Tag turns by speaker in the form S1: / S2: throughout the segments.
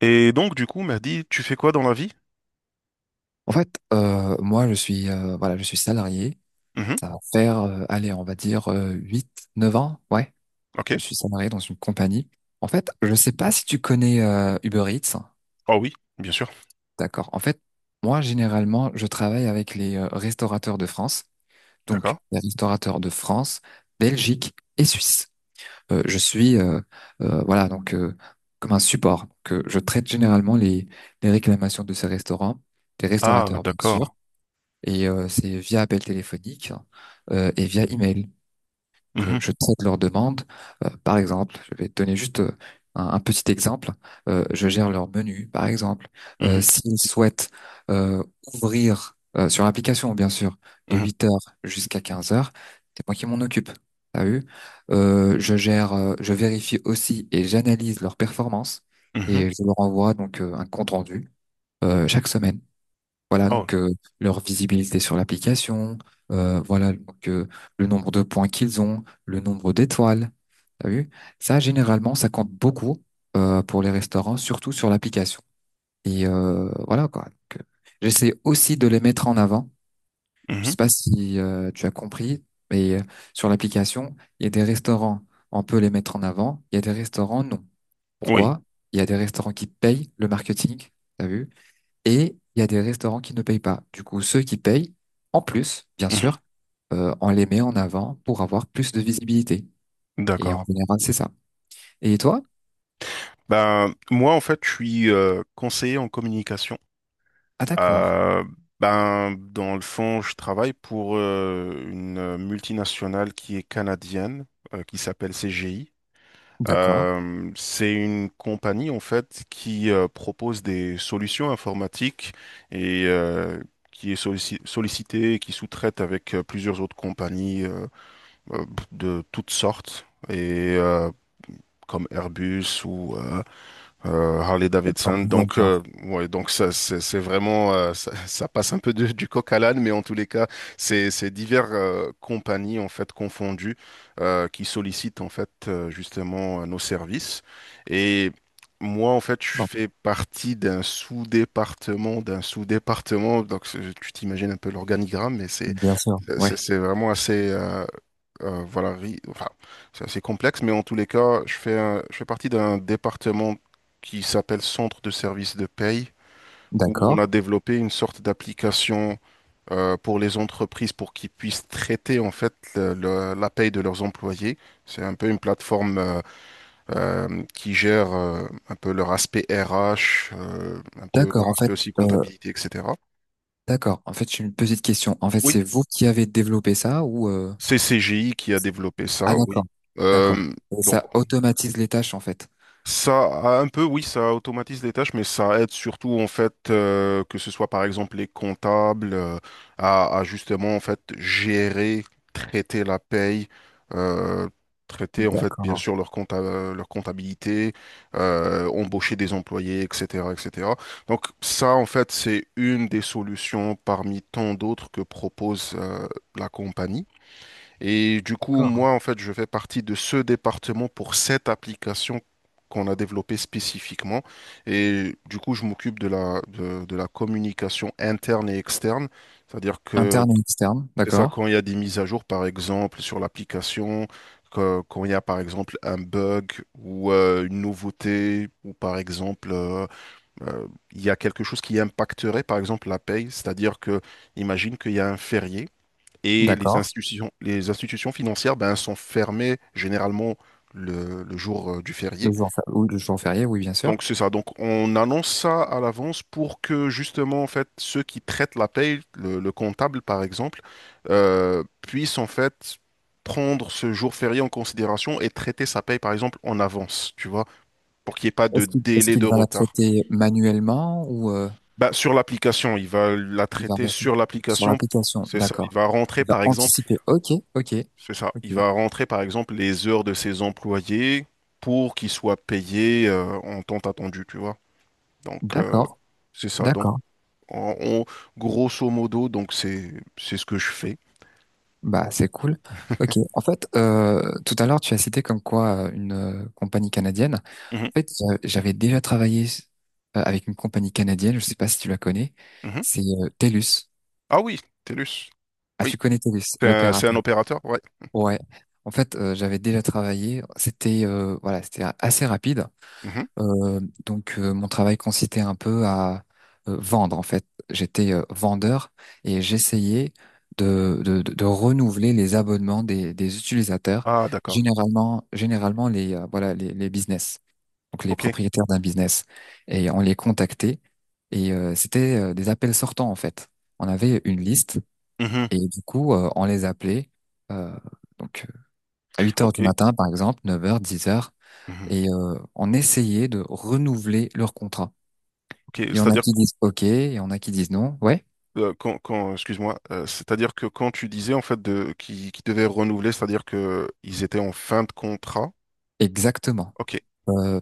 S1: Et donc, du coup, m'a dit, tu fais quoi dans la vie?
S2: En fait, moi, je suis, voilà, je suis salarié.
S1: Mhm,
S2: Ça va faire, allez, on va dire 8, 9 ans. Ouais,
S1: ok.
S2: je suis salarié dans une compagnie. En fait, je sais pas si tu connais Uber Eats.
S1: Oh oui, bien sûr.
S2: D'accord. En fait, moi, généralement, je travaille avec les restaurateurs de France.
S1: D'accord.
S2: Donc, les restaurateurs de France, Belgique et Suisse. Euh, je suis, euh, voilà, donc comme un support. Que je traite généralement les réclamations de ces restaurants, des
S1: Ah,
S2: restaurateurs, bien sûr.
S1: d'accord.
S2: Et c'est via appel téléphonique et via email que
S1: Mhm,
S2: je traite leurs demandes. Par exemple, je vais te donner juste un petit exemple. Je gère leur menu, par exemple.
S1: mhm,
S2: S'ils souhaitent euh, ouvrir sur l'application, bien sûr, de
S1: mhm,
S2: 8 heures jusqu'à 15 heures, c'est moi qui m'en occupe. T'as vu? Je vérifie aussi et j'analyse leur performance
S1: mhm.
S2: et je leur envoie donc un compte rendu chaque semaine. Voilà,
S1: Oh,
S2: donc leur visibilité sur l'application, euh, voilà donc, euh, le nombre de points qu'ils ont, le nombre d'étoiles. T'as vu? Ça, généralement, ça compte beaucoup pour les restaurants, surtout sur l'application. Et voilà quoi. Donc, j'essaie aussi de les mettre en avant. Je
S1: mhm,
S2: sais pas si tu as compris, mais sur l'application, il y a des restaurants, on peut les mettre en avant. Il y a des restaurants, non.
S1: oui.
S2: Pourquoi? Il y a des restaurants qui payent le marketing. T'as vu? Et il y a des restaurants qui ne payent pas. Du coup, ceux qui payent, en plus, bien
S1: Mhm,
S2: sûr, on les met en avant pour avoir plus de visibilité. Et en
S1: d'accord.
S2: général, c'est ça. Et toi?
S1: Ben, moi, en fait, je suis conseiller en communication.
S2: Ah, d'accord.
S1: Euh, ben, dans le fond, je travaille pour une multinationale qui est canadienne, qui s'appelle CGI.
S2: D'accord.
S1: C'est une compagnie en fait qui propose des solutions informatiques et qui est sollicitée et qui sous-traite avec plusieurs autres compagnies euh, de toutes sortes et comme Airbus ou Harley
S2: Alors,
S1: Davidson.
S2: je vois le
S1: Donc,
S2: genre.
S1: ouais, donc ça, c'est vraiment, ça passe un peu du coq à l'âne, mais en tous les cas, c'est divers compagnies en fait confondues qui sollicitent en fait justement nos services. Et moi, en fait, je
S2: Bon,
S1: fais partie d'un sous-département, d'un sous-département. Donc, c'est- tu t'imagines un peu l'organigramme, mais c'est
S2: bien sûr.
S1: c'est
S2: Ouais.
S1: c'est vraiment assez. Voilà, enfin, c'est assez complexe, mais en tous les cas, je fais partie d'un département qui s'appelle Centre de services de paye, où on
S2: D'accord.
S1: a développé une sorte d'application pour les entreprises pour qu'ils puissent traiter en fait la paye de leurs employés. C'est un peu une plateforme qui gère un peu leur aspect RH, un peu
S2: D'accord.
S1: leur
S2: En
S1: aspect
S2: fait,
S1: aussi
S2: euh,
S1: comptabilité, etc.
S2: d'accord. En fait, j'ai une petite question. En fait,
S1: Oui,
S2: c'est vous qui avez développé ça ou
S1: c'est CGI qui a développé
S2: Ah,
S1: ça,
S2: d'accord.
S1: oui.
S2: D'accord.
S1: Euh,
S2: Et
S1: donc
S2: ça automatise les tâches, en fait.
S1: ça, a un peu, oui, ça automatise des tâches, mais ça aide surtout, en fait, que ce soit, par exemple, les comptables, à justement, en fait, gérer, traiter la paye, euh, traiter, en fait, bien
S2: D'accord.
S1: sûr, leur leur comptabilité, embaucher des employés, etc., etc. Donc, ça, en fait, c'est une des solutions parmi tant d'autres que propose, la compagnie. Et du coup,
S2: D'accord.
S1: moi, en fait, je fais partie de ce département pour cette application qu'on a développée spécifiquement. Et du coup, je m'occupe de la, de la communication interne et externe. C'est-à-dire que
S2: Interne et externe.
S1: c'est ça
S2: D'accord.
S1: quand il y a des mises à jour, par exemple, sur l'application, que- quand il y a, par exemple, un bug ou une nouveauté, ou par exemple, euh, il y a quelque chose qui impacterait, par exemple, la paye. C'est-à-dire que, imagine qu'il y a un férié et
S2: D'accord.
S1: les institutions financières ben, sont fermées généralement le jour du
S2: Le
S1: férié.
S2: jour, ou le jour férié, oui, bien sûr.
S1: Donc c'est ça. Donc on annonce ça à l'avance pour que justement en fait ceux qui traitent la paye, le comptable par exemple, puissent en fait prendre ce jour férié en considération et traiter sa paye par exemple en avance, tu vois, pour qu'il n'y ait pas de
S2: Est-ce
S1: délai de
S2: qu'il va la
S1: retard.
S2: traiter manuellement ou
S1: Bah, sur l'application, il va la
S2: il va
S1: traiter
S2: rester
S1: sur
S2: sur
S1: l'application.
S2: l'application?
S1: C'est ça. Il
S2: D'accord.
S1: va rentrer
S2: Il va
S1: par exemple
S2: anticiper. Ok, ok,
S1: C'est ça. Il
S2: ok.
S1: va rentrer par exemple les heures de ses employés pour qu'ils soient payés en temps attendu, tu vois. Donc euh,
S2: D'accord,
S1: c'est ça. Donc
S2: d'accord.
S1: en- on- grosso modo, donc c'est ce que je fais.
S2: Bah c'est cool. Ok. En fait, tout à l'heure tu as cité comme quoi une compagnie canadienne. En
S1: Mhm,
S2: fait, j'avais déjà travaillé avec une compagnie canadienne. Je sais pas si tu la connais.
S1: mhm.
S2: C'est Telus.
S1: Ah oui, TELUS.
S2: Ah,
S1: Oui,
S2: tu connais Telus,
S1: c'est un
S2: l'opérateur.
S1: opérateur, ouais.
S2: Ouais. En fait, j'avais déjà travaillé. C'était voilà, c'était assez rapide.
S1: Mhm.
S2: Euh, donc mon travail consistait un peu à vendre en fait. J'étais vendeur et j'essayais de renouveler les abonnements des utilisateurs,
S1: Ah d'accord.
S2: généralement les voilà les business, donc les
S1: Ok.
S2: propriétaires d'un business et on les contactait et c'était des appels sortants en fait. On avait une liste
S1: Mhm.
S2: et du coup on les appelait euh, donc euh, à 8 heures
S1: Ok.
S2: du matin par exemple, 9 heures, 10 heures
S1: Mhm.
S2: et on essayait de renouveler leur contrat.
S1: Ok.
S2: Il y en a
S1: C'est-à-dire
S2: qui disent OK, il y en a qui disent non. Ouais,
S1: que, excuse-moi, c'est-à-dire que quand tu disais en fait de qui devait renouveler, c'est-à-dire que ils étaient en fin de contrat.
S2: exactement.
S1: Ok.
S2: Euh,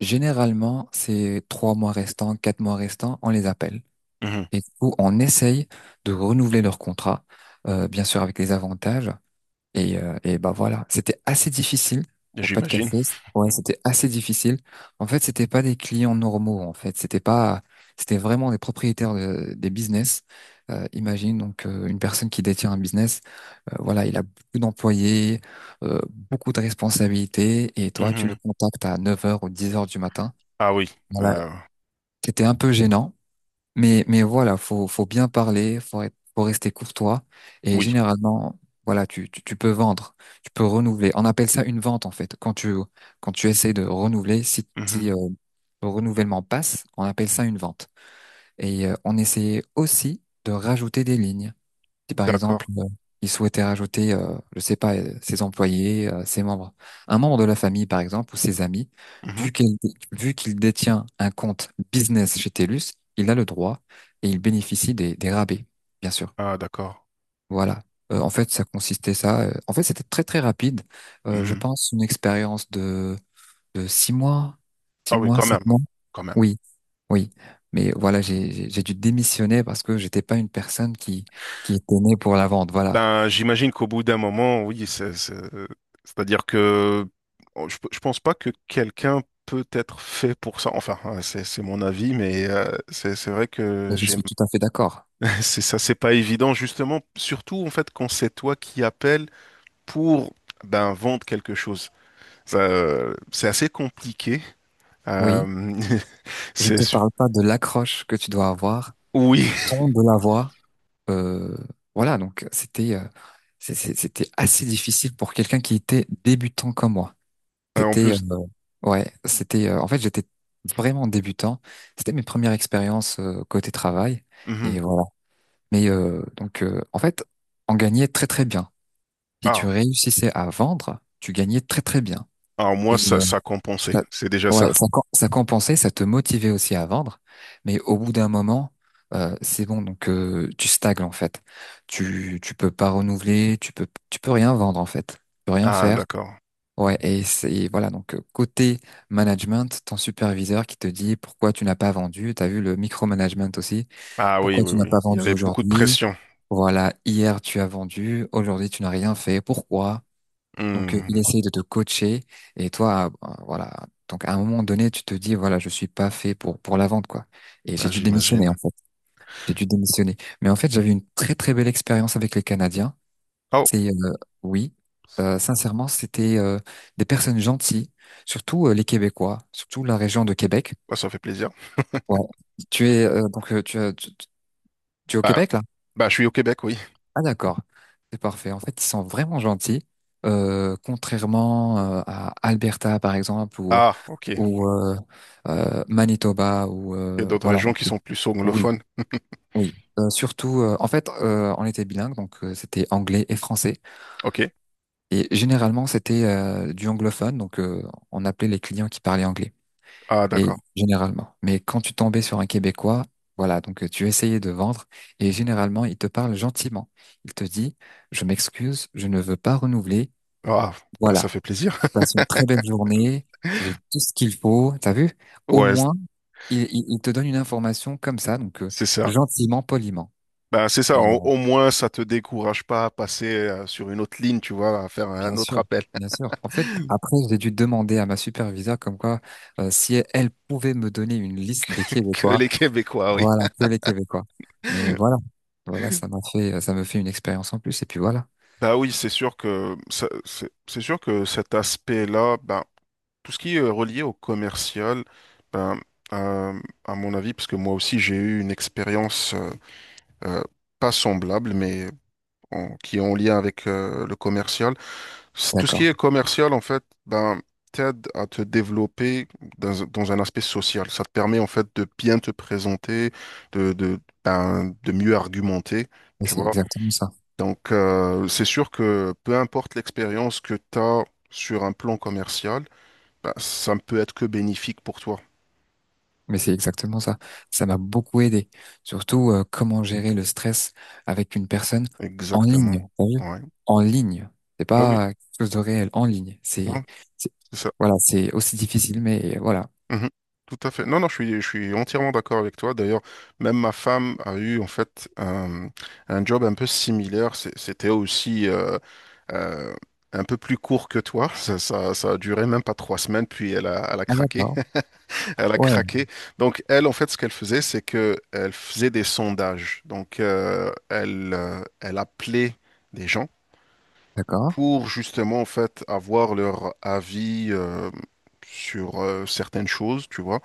S2: Généralement, ces 3 mois restants, 4 mois restants, on les appelle.
S1: Mhm.
S2: Et du coup, on essaye de renouveler leur contrat, bien sûr avec les avantages. Et bah voilà, c'était assez difficile pour pas de
S1: J'imagine.
S2: café. Ouais, c'était assez difficile. En fait, c'était pas des clients normaux. En fait, c'était pas, c'était vraiment des propriétaires des business. Imagine donc une personne qui détient un business. Voilà, il a beaucoup d'employés, euh, beaucoup de responsabilités. Et toi, tu le
S1: Mhm.
S2: contactes à 9 heures ou 10 heures du matin.
S1: Ah oui,
S2: Voilà,
S1: euh,
S2: c'était un peu gênant. Mais voilà, faut bien parler, faut rester courtois. Et
S1: oui.
S2: généralement, voilà, tu peux vendre, tu peux renouveler. On appelle ça une vente, en fait. Quand tu essayes de renouveler,
S1: Mhm.
S2: si, le renouvellement passe, on appelle ça une vente. Et on essayait aussi de rajouter des lignes. Si par exemple,
S1: D'accord.
S2: il souhaitait rajouter, je sais pas, ses employés, ses membres, un membre de la famille par exemple ou ses amis,
S1: Mhm.
S2: vu qu'il vu qu'il détient un compte business chez TELUS, il a le droit et il bénéficie des rabais, bien sûr.
S1: Ah d'accord.
S2: Voilà. En fait, ça consistait ça. En fait, c'était très très rapide. Je
S1: Mhm.
S2: pense une expérience de 6 mois, six
S1: Ah oui,
S2: mois,
S1: quand
S2: sept
S1: même,
S2: mois.
S1: quand même.
S2: Oui, oui. Mais voilà, j'ai dû démissionner parce que j'étais pas une personne qui était née pour la vente. Voilà.
S1: Ben, j'imagine qu'au bout d'un moment, oui, c'est-à-dire que oh, je pense pas que quelqu'un peut être fait pour ça. Enfin, hein, c'est mon avis, mais c'est vrai que
S2: Mais je
S1: j'aime.
S2: suis tout à fait d'accord.
S1: C'est ça, c'est pas évident, justement, surtout en fait quand c'est toi qui appelles pour ben vendre quelque chose. Ça, c'est assez compliqué.
S2: Oui,
S1: Euh,
S2: je ne
S1: c'est
S2: te parle pas de l'accroche que tu dois avoir,
S1: Oui,
S2: du ton de la voix. Euh, voilà, donc c'était c'était assez difficile pour quelqu'un qui était débutant comme moi.
S1: en
S2: C'était
S1: plus.
S2: Ouais, c'était en fait j'étais vraiment débutant. C'était mes premières expériences côté travail et
S1: Mhm.
S2: voilà. Mais en fait, on gagnait très très bien. Si tu
S1: Ah,
S2: réussissais à vendre, tu gagnais très très bien.
S1: ah,
S2: Et
S1: moi,
S2: euh,
S1: ça compensait.
S2: Ça-
S1: C'est déjà
S2: Ouais,
S1: ça.
S2: ça compensait, ça te motivait aussi à vendre, mais au bout d'un moment, c'est bon, donc tu stagnes en fait. Tu peux pas renouveler, tu peux rien vendre en fait, tu peux rien
S1: Ah,
S2: faire.
S1: d'accord.
S2: Ouais, et c'est voilà donc côté management, ton superviseur qui te dit pourquoi tu n'as pas vendu, t'as vu le micromanagement aussi,
S1: Ah oui,
S2: pourquoi
S1: oui,
S2: tu n'as
S1: oui.
S2: pas
S1: Il y
S2: vendu
S1: avait beaucoup de
S2: aujourd'hui,
S1: pression.
S2: voilà hier tu as vendu, aujourd'hui tu n'as rien fait, pourquoi? Donc, il
S1: Hmm,
S2: essaye de te coacher et toi, voilà. Donc, à un moment donné, tu te dis, voilà, je suis pas fait pour la vente, quoi. Et j'ai
S1: bah,
S2: dû démissionner, en
S1: j'imagine.
S2: fait. J'ai dû démissionner. Mais en fait, j'avais une très, très belle expérience avec les Canadiens.
S1: Oh,
S2: C'est, oui, sincèrement, c'était des personnes gentilles, surtout les Québécois, surtout la région de Québec.
S1: bah, ça fait plaisir.
S2: Ouais. Tu es, tu es au
S1: Bah,
S2: Québec, là?
S1: bah, je suis au Québec, oui.
S2: Ah, d'accord. C'est parfait. En fait, ils sont vraiment gentils. Contrairement à Alberta, par exemple, ou
S1: Ah, ok. Il
S2: ou euh, Manitoba ou
S1: y a d'autres
S2: voilà.
S1: régions qui sont plus
S2: Oui,
S1: anglophones.
S2: oui. En fait, on était bilingue, donc c'était anglais et français.
S1: Ok.
S2: Et généralement, c'était du anglophone, donc on appelait les clients qui parlaient anglais.
S1: Ah,
S2: Et
S1: d'accord.
S2: généralement. Mais quand tu tombais sur un Québécois, voilà, donc tu essayais de vendre et généralement, il te parle gentiment. Il te dit, je m'excuse, je ne veux pas renouveler.
S1: Ah, bah, ça
S2: Voilà.
S1: fait plaisir.
S2: Passe une très belle journée, j'ai tout ce qu'il faut, t'as vu? Au
S1: Ouais,
S2: moins, il te donne une information comme ça, donc
S1: c'est ça.
S2: gentiment, poliment.
S1: Bah, c'est
S2: Et,
S1: ça. Au moins, ça te décourage pas à passer sur une autre ligne, tu vois, à faire
S2: bien
S1: un autre
S2: sûr,
S1: appel.
S2: bien sûr. En fait, après, j'ai dû demander à ma superviseure comme quoi si elle pouvait me donner une liste des
S1: Que
S2: Québécois,
S1: les Québécois, oui.
S2: voilà, que les Québécois. Mais voilà, voilà, ça me fait une expérience en plus, et puis voilà.
S1: Bah oui, c'est sûr que c'est sûr que cet aspect-là, ben, tout ce qui est relié au commercial, ben, euh, à mon avis, parce que moi aussi j'ai eu une expérience euh, pas semblable, mais qui est en lien avec le commercial. Tout ce qui
S2: D'accord.
S1: est commercial, en fait, ben, t'aide à te développer dans un aspect social. Ça te permet en fait de bien te présenter, ben, de mieux argumenter,
S2: Et
S1: tu
S2: c'est
S1: vois.
S2: exactement ça.
S1: Donc, c'est sûr que peu importe l'expérience que tu as sur un plan commercial, bah, ça ne peut être que bénéfique pour toi.
S2: Mais c'est exactement ça. Ça m'a beaucoup aidé. Surtout, comment gérer le stress avec une personne en
S1: Exactement.
S2: ligne. T'as vu.
S1: Ouais.
S2: En ligne. C'est
S1: Oui, oui.
S2: pas quelque chose de réel. En ligne.
S1: Non,
S2: C'est-
S1: c'est ça.
S2: voilà, c'est aussi difficile, mais voilà.
S1: Mhm. Tout à fait. Non, non, je suis entièrement d'accord avec toi. D'ailleurs, même ma femme a eu en fait un job un peu similaire. C'était aussi euh, un peu plus court que toi. Ça a duré même pas 3 semaines, puis elle a
S2: Ah,
S1: craqué.
S2: d'accord.
S1: Elle a
S2: Ouais.
S1: craqué. Donc, elle, en fait, ce qu'elle faisait, c'est que elle faisait des sondages. Donc, elle, elle appelait des gens
S2: D'accord.
S1: pour justement, en fait, avoir leur avis sur certaines choses, tu vois.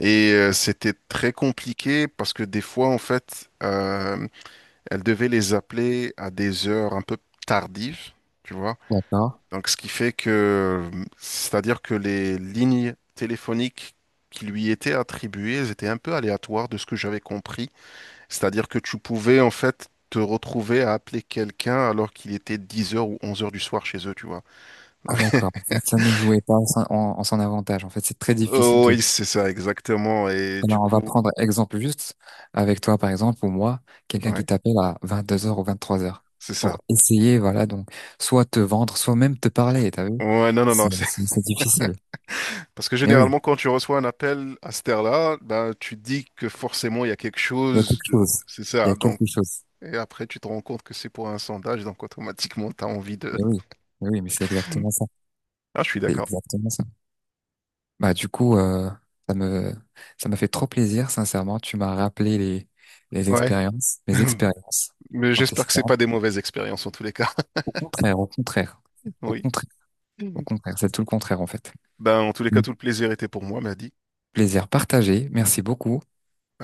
S1: Et c'était très compliqué parce que des fois, en fait, elle devait les appeler à des heures un peu tardives. Tu vois,
S2: D'accord.
S1: donc, ce qui fait que, c'est-à-dire que les lignes téléphoniques qui lui étaient attribuées, elles étaient un peu aléatoires de ce que j'avais compris. C'est-à-dire que tu pouvais, en fait, te retrouver à appeler quelqu'un alors qu'il était 10 heures ou 11 heures du soir chez eux, tu vois.
S2: Ah, d'accord. En fait, ça ne jouait pas en son avantage. En fait, c'est très difficile
S1: Oh,
S2: de.
S1: oui, c'est ça, exactement. Et du
S2: Alors, on va
S1: coup,
S2: prendre exemple juste avec toi, par exemple, ou moi, quelqu'un qui
S1: ouais,
S2: t'appelle à 22 h ou 23 h
S1: c'est
S2: pour
S1: ça.
S2: essayer, voilà, donc, soit te vendre, soit même te parler, t'as vu?
S1: Ouais, non, non, non.
S2: C'est difficile.
S1: Parce que
S2: Mais oui,
S1: généralement, quand tu reçois un appel à cette heure-là, ben, tu dis que forcément, il y a quelque
S2: il y a
S1: chose.
S2: quelque chose.
S1: C'est
S2: Il y
S1: ça.
S2: a
S1: Donc
S2: quelque chose.
S1: et après, tu te rends compte que c'est pour un sondage, donc automatiquement, tu as envie de...
S2: Mais oui, mais oui, mais c'est exactement ça.
S1: Ah, je suis
S2: C'est
S1: d'accord.
S2: exactement ça. Bah, du coup, ça me, ça m'a fait trop plaisir, sincèrement. Tu m'as rappelé les
S1: Ouais.
S2: expériences, mes expériences
S1: Mais
S2: en
S1: j'espère que c'est
S2: testant.
S1: pas des mauvaises expériences en tous les cas.
S2: Au contraire, au contraire, au
S1: Oui.
S2: contraire, au contraire. C'est tout le contraire, en fait.
S1: Ben, en tous les cas, tout le plaisir était pour moi, m'a dit.
S2: Plaisir partagé. Merci beaucoup.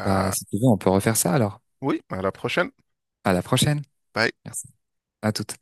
S2: Bah, si tu veux, on peut refaire ça alors.
S1: Oui, à la prochaine.
S2: À la prochaine.
S1: Bye.
S2: Merci. À toute.